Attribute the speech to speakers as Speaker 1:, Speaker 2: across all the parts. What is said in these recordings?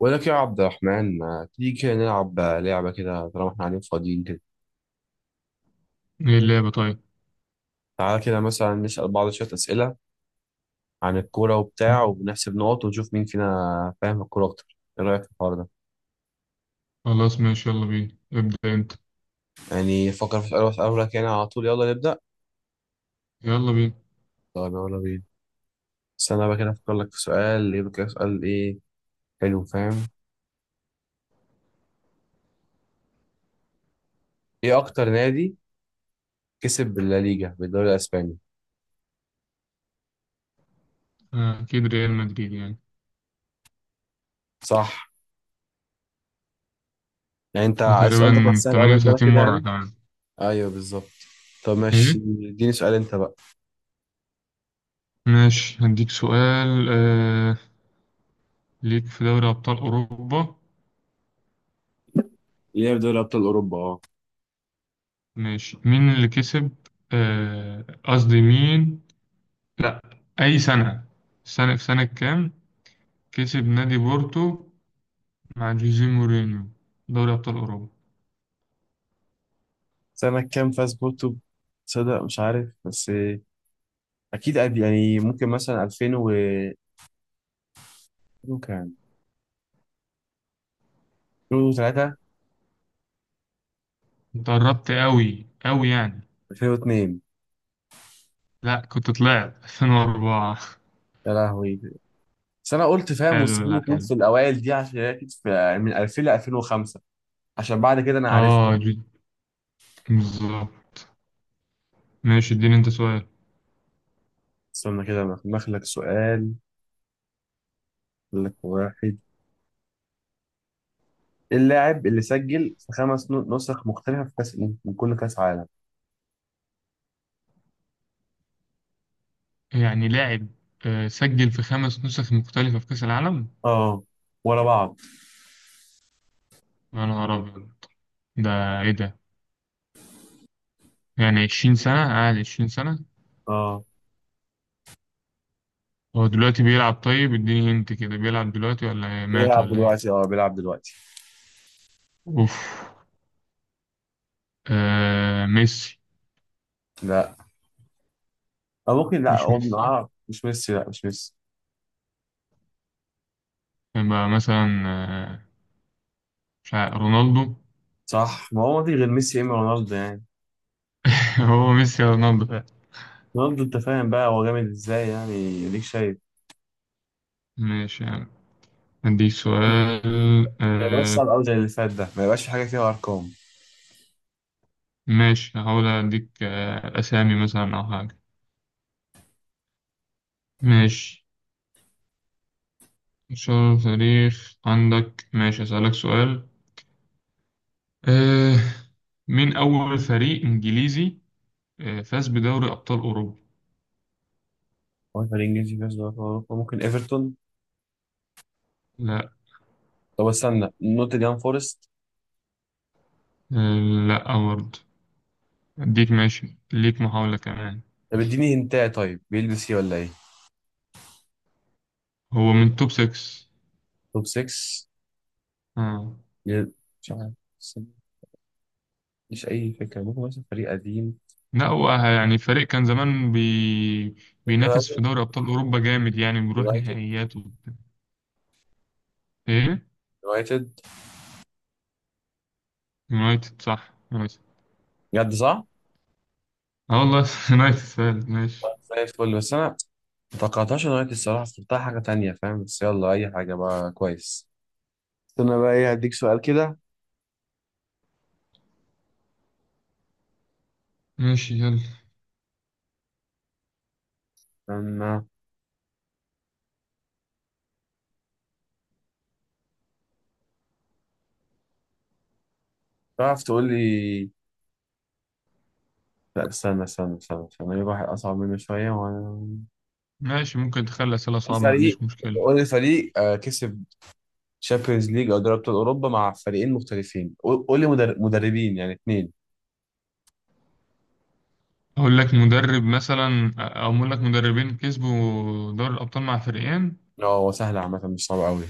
Speaker 1: ولك يا عبد الرحمن، ما تيجي كده نلعب لعبة كده طالما احنا قاعدين فاضيين كده؟
Speaker 2: ايه اللعبة؟ طيب
Speaker 1: تعالى كده مثلا نسأل بعض شوية أسئلة عن الكورة وبتاع، وبنحسب نقط ونشوف مين فينا فاهم الكورة أكتر. إيه رأيك في الحوار ده؟
Speaker 2: خلاص، ماشي، يلا بينا، ابدأ انت
Speaker 1: يعني فكر في سؤال وأسأله لك يعني على طول، يلا نبدأ.
Speaker 2: يلا بينا.
Speaker 1: طب يلا بينا. استنى بقى كده أفكر لك في سؤال، يبقى كده سؤال إيه. حلو فاهم. إيه أكتر نادي كسب بالليجا، بالدوري الأسباني؟
Speaker 2: اكيد ريال مدريد يعني
Speaker 1: صح. يعني أنت السؤال ده كان
Speaker 2: تقريبا
Speaker 1: سهل أوي بالنسبة لك
Speaker 2: 38
Speaker 1: كده
Speaker 2: مرة
Speaker 1: يعني.
Speaker 2: كمان.
Speaker 1: أيوه بالظبط. طب ماشي،
Speaker 2: ايه
Speaker 1: اديني سؤال أنت بقى.
Speaker 2: ماشي، هديك سؤال. ليك في دوري ابطال اوروبا،
Speaker 1: ليه في دوري أبطال أوروبا أه.
Speaker 2: ماشي، مين اللي كسب؟ قصدي مين، لا، اي سنة، سنة، في سنة كام كسب نادي بورتو مع جوزيه مورينيو دوري ابطال اوروبا؟
Speaker 1: سنة كام فاز بورتو؟ تصدق مش عارف بس. أكيد قد يعني ممكن مثلا 2000 و كام. كان 2003.
Speaker 2: انت قربت قوي قوي يعني.
Speaker 1: 2002.
Speaker 2: لا، كنت طلعت 2004.
Speaker 1: يا لهوي. بس أنا قلت فاهم
Speaker 2: حلو،
Speaker 1: مستحيل
Speaker 2: لا
Speaker 1: يكون
Speaker 2: حلو.
Speaker 1: في الأوائل دي، عشان هي أكيد في يعني من 2000 ل 2005. عشان بعد كده أنا عارف.
Speaker 2: اه جد، بالظبط. ماشي اديني انت سؤال.
Speaker 1: استنى كده أنا مخلك سؤال. أقول لك واحد. إيه اللاعب اللي سجل في خمس نسخ مختلفة في كأس، من كل كأس عالم؟
Speaker 2: يعني لاعب سجل في خمس نسخ مختلفة في كأس العالم؟
Speaker 1: اه، ورا بعض.
Speaker 2: يا نهار أبيض، ده إيه ده؟ يعني عشرين سنة قاعد، عشرين سنة.
Speaker 1: اه
Speaker 2: هو دلوقتي بيلعب؟ طيب اديني هنت كده، بيلعب دلوقتي ولا إيه؟ مات
Speaker 1: بيلعب
Speaker 2: ولا إيه؟
Speaker 1: دلوقتي، اه بيلعب دلوقتي.
Speaker 2: أوف. آه ميسي.
Speaker 1: لا. أو ممكن لا،
Speaker 2: مش
Speaker 1: هو
Speaker 2: ميسي،
Speaker 1: مش ميسي، لا مش ميسي.
Speaker 2: يبقى مثلا مش عارف، رونالدو.
Speaker 1: صح، ما هو ما في غير ميسي يا إما رونالدو يعني.
Speaker 2: هو ميسي يا رونالدو.
Speaker 1: رونالدو. أنت فاهم بقى هو جامد إزاي يعني، أديك شايف.
Speaker 2: ماشي يعني. عندي سؤال
Speaker 1: ما يبقاش صعب أوي زي اللي فات ده، ما يبقاش في حاجة فيها أرقام.
Speaker 2: ماشي، هحاول أديك أسامي مثلا أو حاجة. ماشي، شهر تاريخ عندك، ماشي أسألك سؤال. أه، مين أول فريق إنجليزي فاز بدوري أبطال أوروبا؟
Speaker 1: هو الفريق الإنجليزي فيها أرقام أوروبا؟ ممكن إيفرتون.
Speaker 2: لا.
Speaker 1: طب استنى، نوتنجهام فورست.
Speaker 2: أه لا برضه. أديك، ماشي ليك محاولة كمان.
Speaker 1: طب اديني هنتاية، طيب بيلبس إيه ولا إيه؟
Speaker 2: هو من توب 6.
Speaker 1: توب 6.
Speaker 2: آه.
Speaker 1: مش عارف. مش أي فكرة، ممكن مثلا فريق قديم.
Speaker 2: لا هو يعني فريق كان زمان بينافس في
Speaker 1: يونايتد
Speaker 2: دوري أبطال أوروبا جامد، يعني بيروح
Speaker 1: يونايتد
Speaker 2: نهائيات وبتاع. إيه؟
Speaker 1: يونايتد.
Speaker 2: يونايتد، صح يونايتد.
Speaker 1: بجد صح؟
Speaker 2: اه والله، يونايتد فعلا، ماشي.
Speaker 1: زي الفل، بس أنا متوقعتهاش نهاية الصراحة، افتكرتها حاجة تانية فاهم، بس يلا أي حاجة بقى كويس. استنى بقى ايه هديك سؤال كده.
Speaker 2: ماشي يلا.
Speaker 1: أما تعرف تقول لي. لا، استنى استنى استنى استنى، أجيب واحد أصعب منه شوية. وأنا
Speaker 2: ماشي، ممكن تخلي أسئلة صعبة ما
Speaker 1: الفريق،
Speaker 2: عنديش مشكلة.
Speaker 1: قول لي فريق كسب شامبيونز ليج أو دوري أبطال أوروبا مع فريقين مختلفين. قول قول لي مدربين يعني اتنين.
Speaker 2: أقول لك مدرب مثلا أو أقول لك مدربين كسبوا دوري الأبطال مع فريقين.
Speaker 1: اه هو سهل عامة، مش صعب أوي.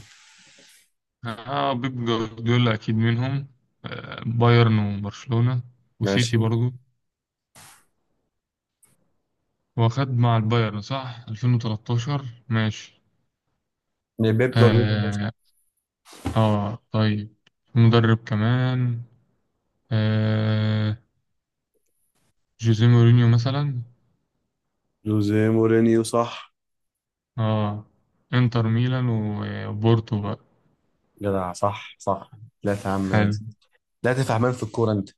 Speaker 2: آه بيب جوارديولا أكيد منهم، آه بايرن وبرشلونة وسيتي
Speaker 1: ماشي
Speaker 2: برضو. هو خد مع البايرن صح 2013؟ ماشي.
Speaker 1: يعني. بيب جوارديولا.
Speaker 2: آه, آه طيب، مدرب كمان آه جوزيه مورينيو مثلا.
Speaker 1: جوزيه مورينيو صح.
Speaker 2: اه، انتر ميلان وبورتو بقى.
Speaker 1: جدع، صح صح. لا يا عم.
Speaker 2: حلو.
Speaker 1: لا تفهمان في الكورة أنت.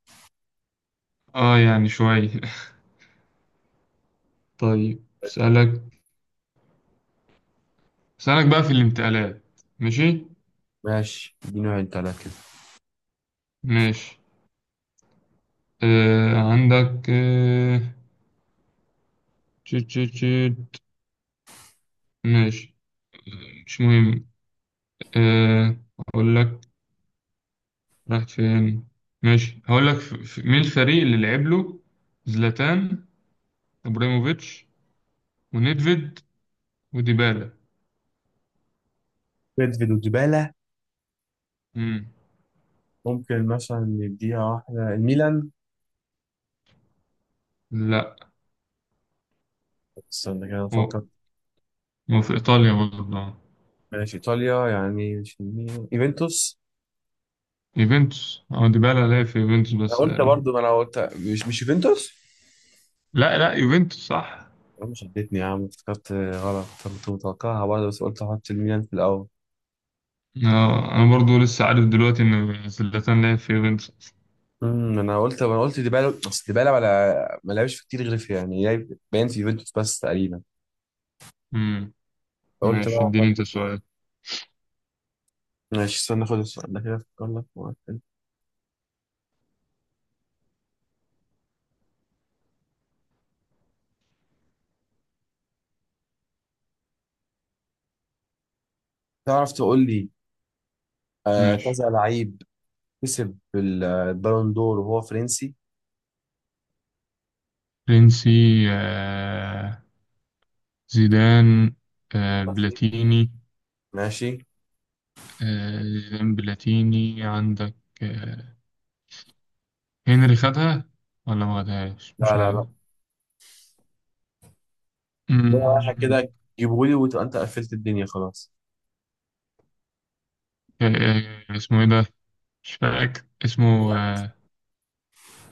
Speaker 2: اه يعني شوية. طيب اسألك، اسألك بقى في الانتقالات. ماشي.
Speaker 1: ماشي اديني انت على كده.
Speaker 2: ماشي، عندك تشيت تشيت تشيت، ماشي مش مهم. آه اقول لك، راحت فين؟ ماشي هقول لك مين الفريق اللي لعب له زلاتان ابراهيموفيتش، ونيدفيد، وديبالا؟
Speaker 1: بيدفيد وجبالة.
Speaker 2: مم.
Speaker 1: ممكن مثلا نديها واحدة الميلان.
Speaker 2: لا،
Speaker 1: استنى كده
Speaker 2: هو
Speaker 1: أفكر.
Speaker 2: هو في ايطاليا برضه.
Speaker 1: ماشي إيطاليا، يعني مش الميلان، يوفنتوس.
Speaker 2: يوفنتوس، أو ديبالا لعب في يوفنتوس
Speaker 1: أنا
Speaker 2: بس
Speaker 1: قلت
Speaker 2: تقريبا.
Speaker 1: برضه، ما أنا قلت. مش يوفنتوس.
Speaker 2: لا لا يوفنتوس صح.
Speaker 1: أنا مش اديتني يا عم، افتكرت غلط. كنت متوقعها برضه بس قلت أحط الميلان في الأول.
Speaker 2: آه، أنا برضو لسه عارف دلوقتي إن زلاتان لعب في يوفنتوس.
Speaker 1: انا قلت ديبالا. اصل ديبالا ولا ما لعبش في كتير، غير في يعني باين في يوفنتوس بس تقريبا.
Speaker 2: مم.
Speaker 1: قلت
Speaker 2: ماشي
Speaker 1: بقى.
Speaker 2: اديني أنت سؤال.
Speaker 1: ماشي استنى، خد السؤال ده كده افكر لك في واحد. تعرف تقول لي
Speaker 2: ماشي.
Speaker 1: كذا لعيب كسب البالون دور وهو فرنسي.
Speaker 2: فرنسي؟ آه، زيدان، بلاتيني.
Speaker 1: ماشي.
Speaker 2: زيدان بلاتيني عندك، آه، هنري خدها ولا ما خدهاش
Speaker 1: لا
Speaker 2: مش
Speaker 1: لا
Speaker 2: عارف.
Speaker 1: لا. لا، رايحة
Speaker 2: مم.
Speaker 1: كده. جيبهولي وتبقى انت قفلت الدنيا خلاص.
Speaker 2: اسمه ايه ده؟ مش فاكر اسمه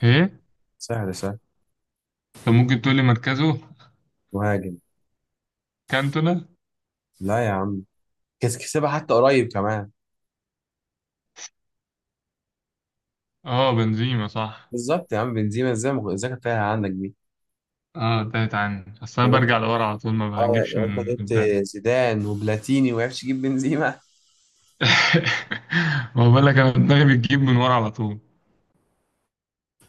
Speaker 2: ايه.
Speaker 1: سهل سهل.
Speaker 2: طب ممكن تقول لي مركزه؟
Speaker 1: مهاجم.
Speaker 2: كانتونا.
Speaker 1: لا يا عم. كسبها حتى قريب كمان.
Speaker 2: اه بنزيما صح.
Speaker 1: بالظبط يا عم، بنزيما. ازاي كانت تايهة عندك دي؟
Speaker 2: اه تالت عني، اصل انا
Speaker 1: يعني انت،
Speaker 2: برجع لورا على طول، ما
Speaker 1: اه يعني
Speaker 2: بجيبش
Speaker 1: انت
Speaker 2: من
Speaker 1: جبت
Speaker 2: قدام.
Speaker 1: زيدان وبلاتيني وما عرفتش تجيب بنزيما.
Speaker 2: ما بقول لك انا دماغي بتجيب من ورا على طول.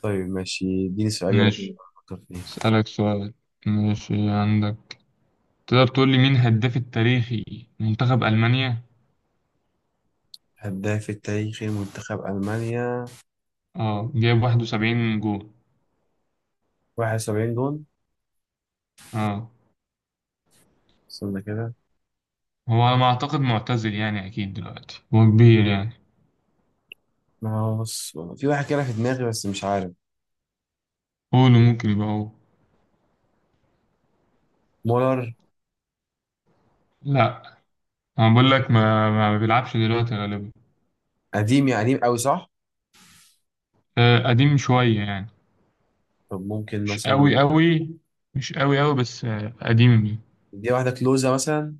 Speaker 1: طيب ماشي، اديني سؤال يلا كده
Speaker 2: ماشي،
Speaker 1: افكر فيه.
Speaker 2: اسالك سؤال. ماشي عندك، تقدر تقول لي مين هداف التاريخي منتخب المانيا؟
Speaker 1: هداف التاريخي لمنتخب المانيا.
Speaker 2: اه جايب 71 جول.
Speaker 1: 71 جون.
Speaker 2: اه،
Speaker 1: استنى كده.
Speaker 2: هو على ما اعتقد معتزل يعني، اكيد دلوقتي هو كبير يعني.
Speaker 1: ما هو بص في واحد كده في دماغي بس مش عارف.
Speaker 2: قوله ممكن يبقى هو.
Speaker 1: مولر.
Speaker 2: لا، انا بقول لك ما بيلعبش دلوقتي غالبا.
Speaker 1: قديم يعني، قديم قوي صح؟
Speaker 2: قديم شوية يعني،
Speaker 1: طب ممكن
Speaker 2: مش
Speaker 1: مثلا،
Speaker 2: قوي قوي. مش قوي قوي بس قديم يعني.
Speaker 1: دي واحدة كلوزة مثلا.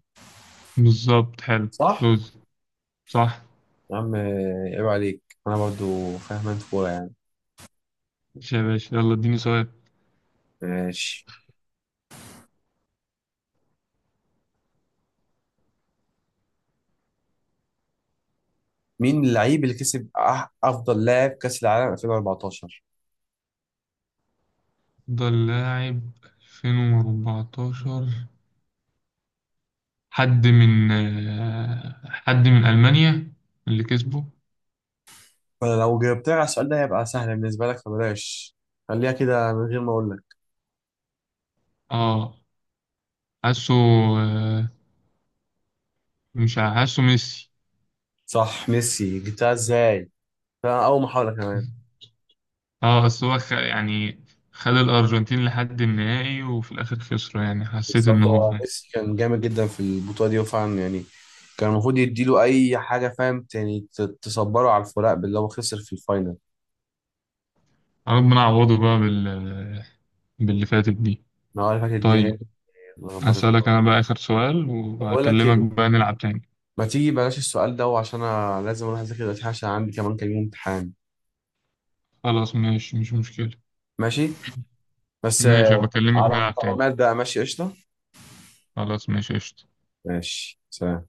Speaker 2: بالظبط، حلو.
Speaker 1: صح؟
Speaker 2: كلوز، صح.
Speaker 1: يا عم عيب عليك، أنا برضو فاهم أنت كورة يعني.
Speaker 2: ماشي يا باشا، يلا اديني سؤال.
Speaker 1: ماشي. مين اللعيب اللي كسب أفضل لاعب كأس العالم 2014؟
Speaker 2: افضل لاعب 2014؟ حد من حد من ألمانيا اللي كسبه؟
Speaker 1: فأنا لو جاوبتها على السؤال ده هيبقى سهل بالنسبة لك، فبلاش. خليها كده من غير ما أقول لك.
Speaker 2: اه حاسه، آه، مش ع- حاسه ميسي.
Speaker 1: صح ميسي، جبتها إزاي؟ ده أول محاولة كمان.
Speaker 2: اه بس هو يعني خد الأرجنتين لحد النهائي وفي الآخر خسره، يعني حسيت إن
Speaker 1: بالظبط،
Speaker 2: هو
Speaker 1: هو
Speaker 2: يعني.
Speaker 1: ميسي كان جامد جدا في البطولة دي، وفعلا يعني كان المفروض يديله أي حاجة فاهم، يعني تصبره على الفراق باللي هو خسر في الفاينل.
Speaker 2: ربنا عوضه بقى باللي فاتت دي.
Speaker 1: أنا هو اللي فاكر اديها لي،
Speaker 2: طيب
Speaker 1: لخبطتني
Speaker 2: أسألك
Speaker 1: أوي.
Speaker 2: أنا بقى آخر سؤال
Speaker 1: بقول لك إيه،
Speaker 2: وهكلمك بقى نلعب تاني.
Speaker 1: ما تيجي بلاش السؤال ده، وعشان أنا لازم أروح أذاكر دلوقتي عشان عندي كمان كام يوم امتحان.
Speaker 2: خلاص ماشي، مش مشكلة.
Speaker 1: ماشي. بس
Speaker 2: ماشي، بكلمك
Speaker 1: على
Speaker 2: نلعب تاني.
Speaker 1: القناة بقى ماشي قشطة.
Speaker 2: خلاص ماشي، قشطة.
Speaker 1: ماشي سلام.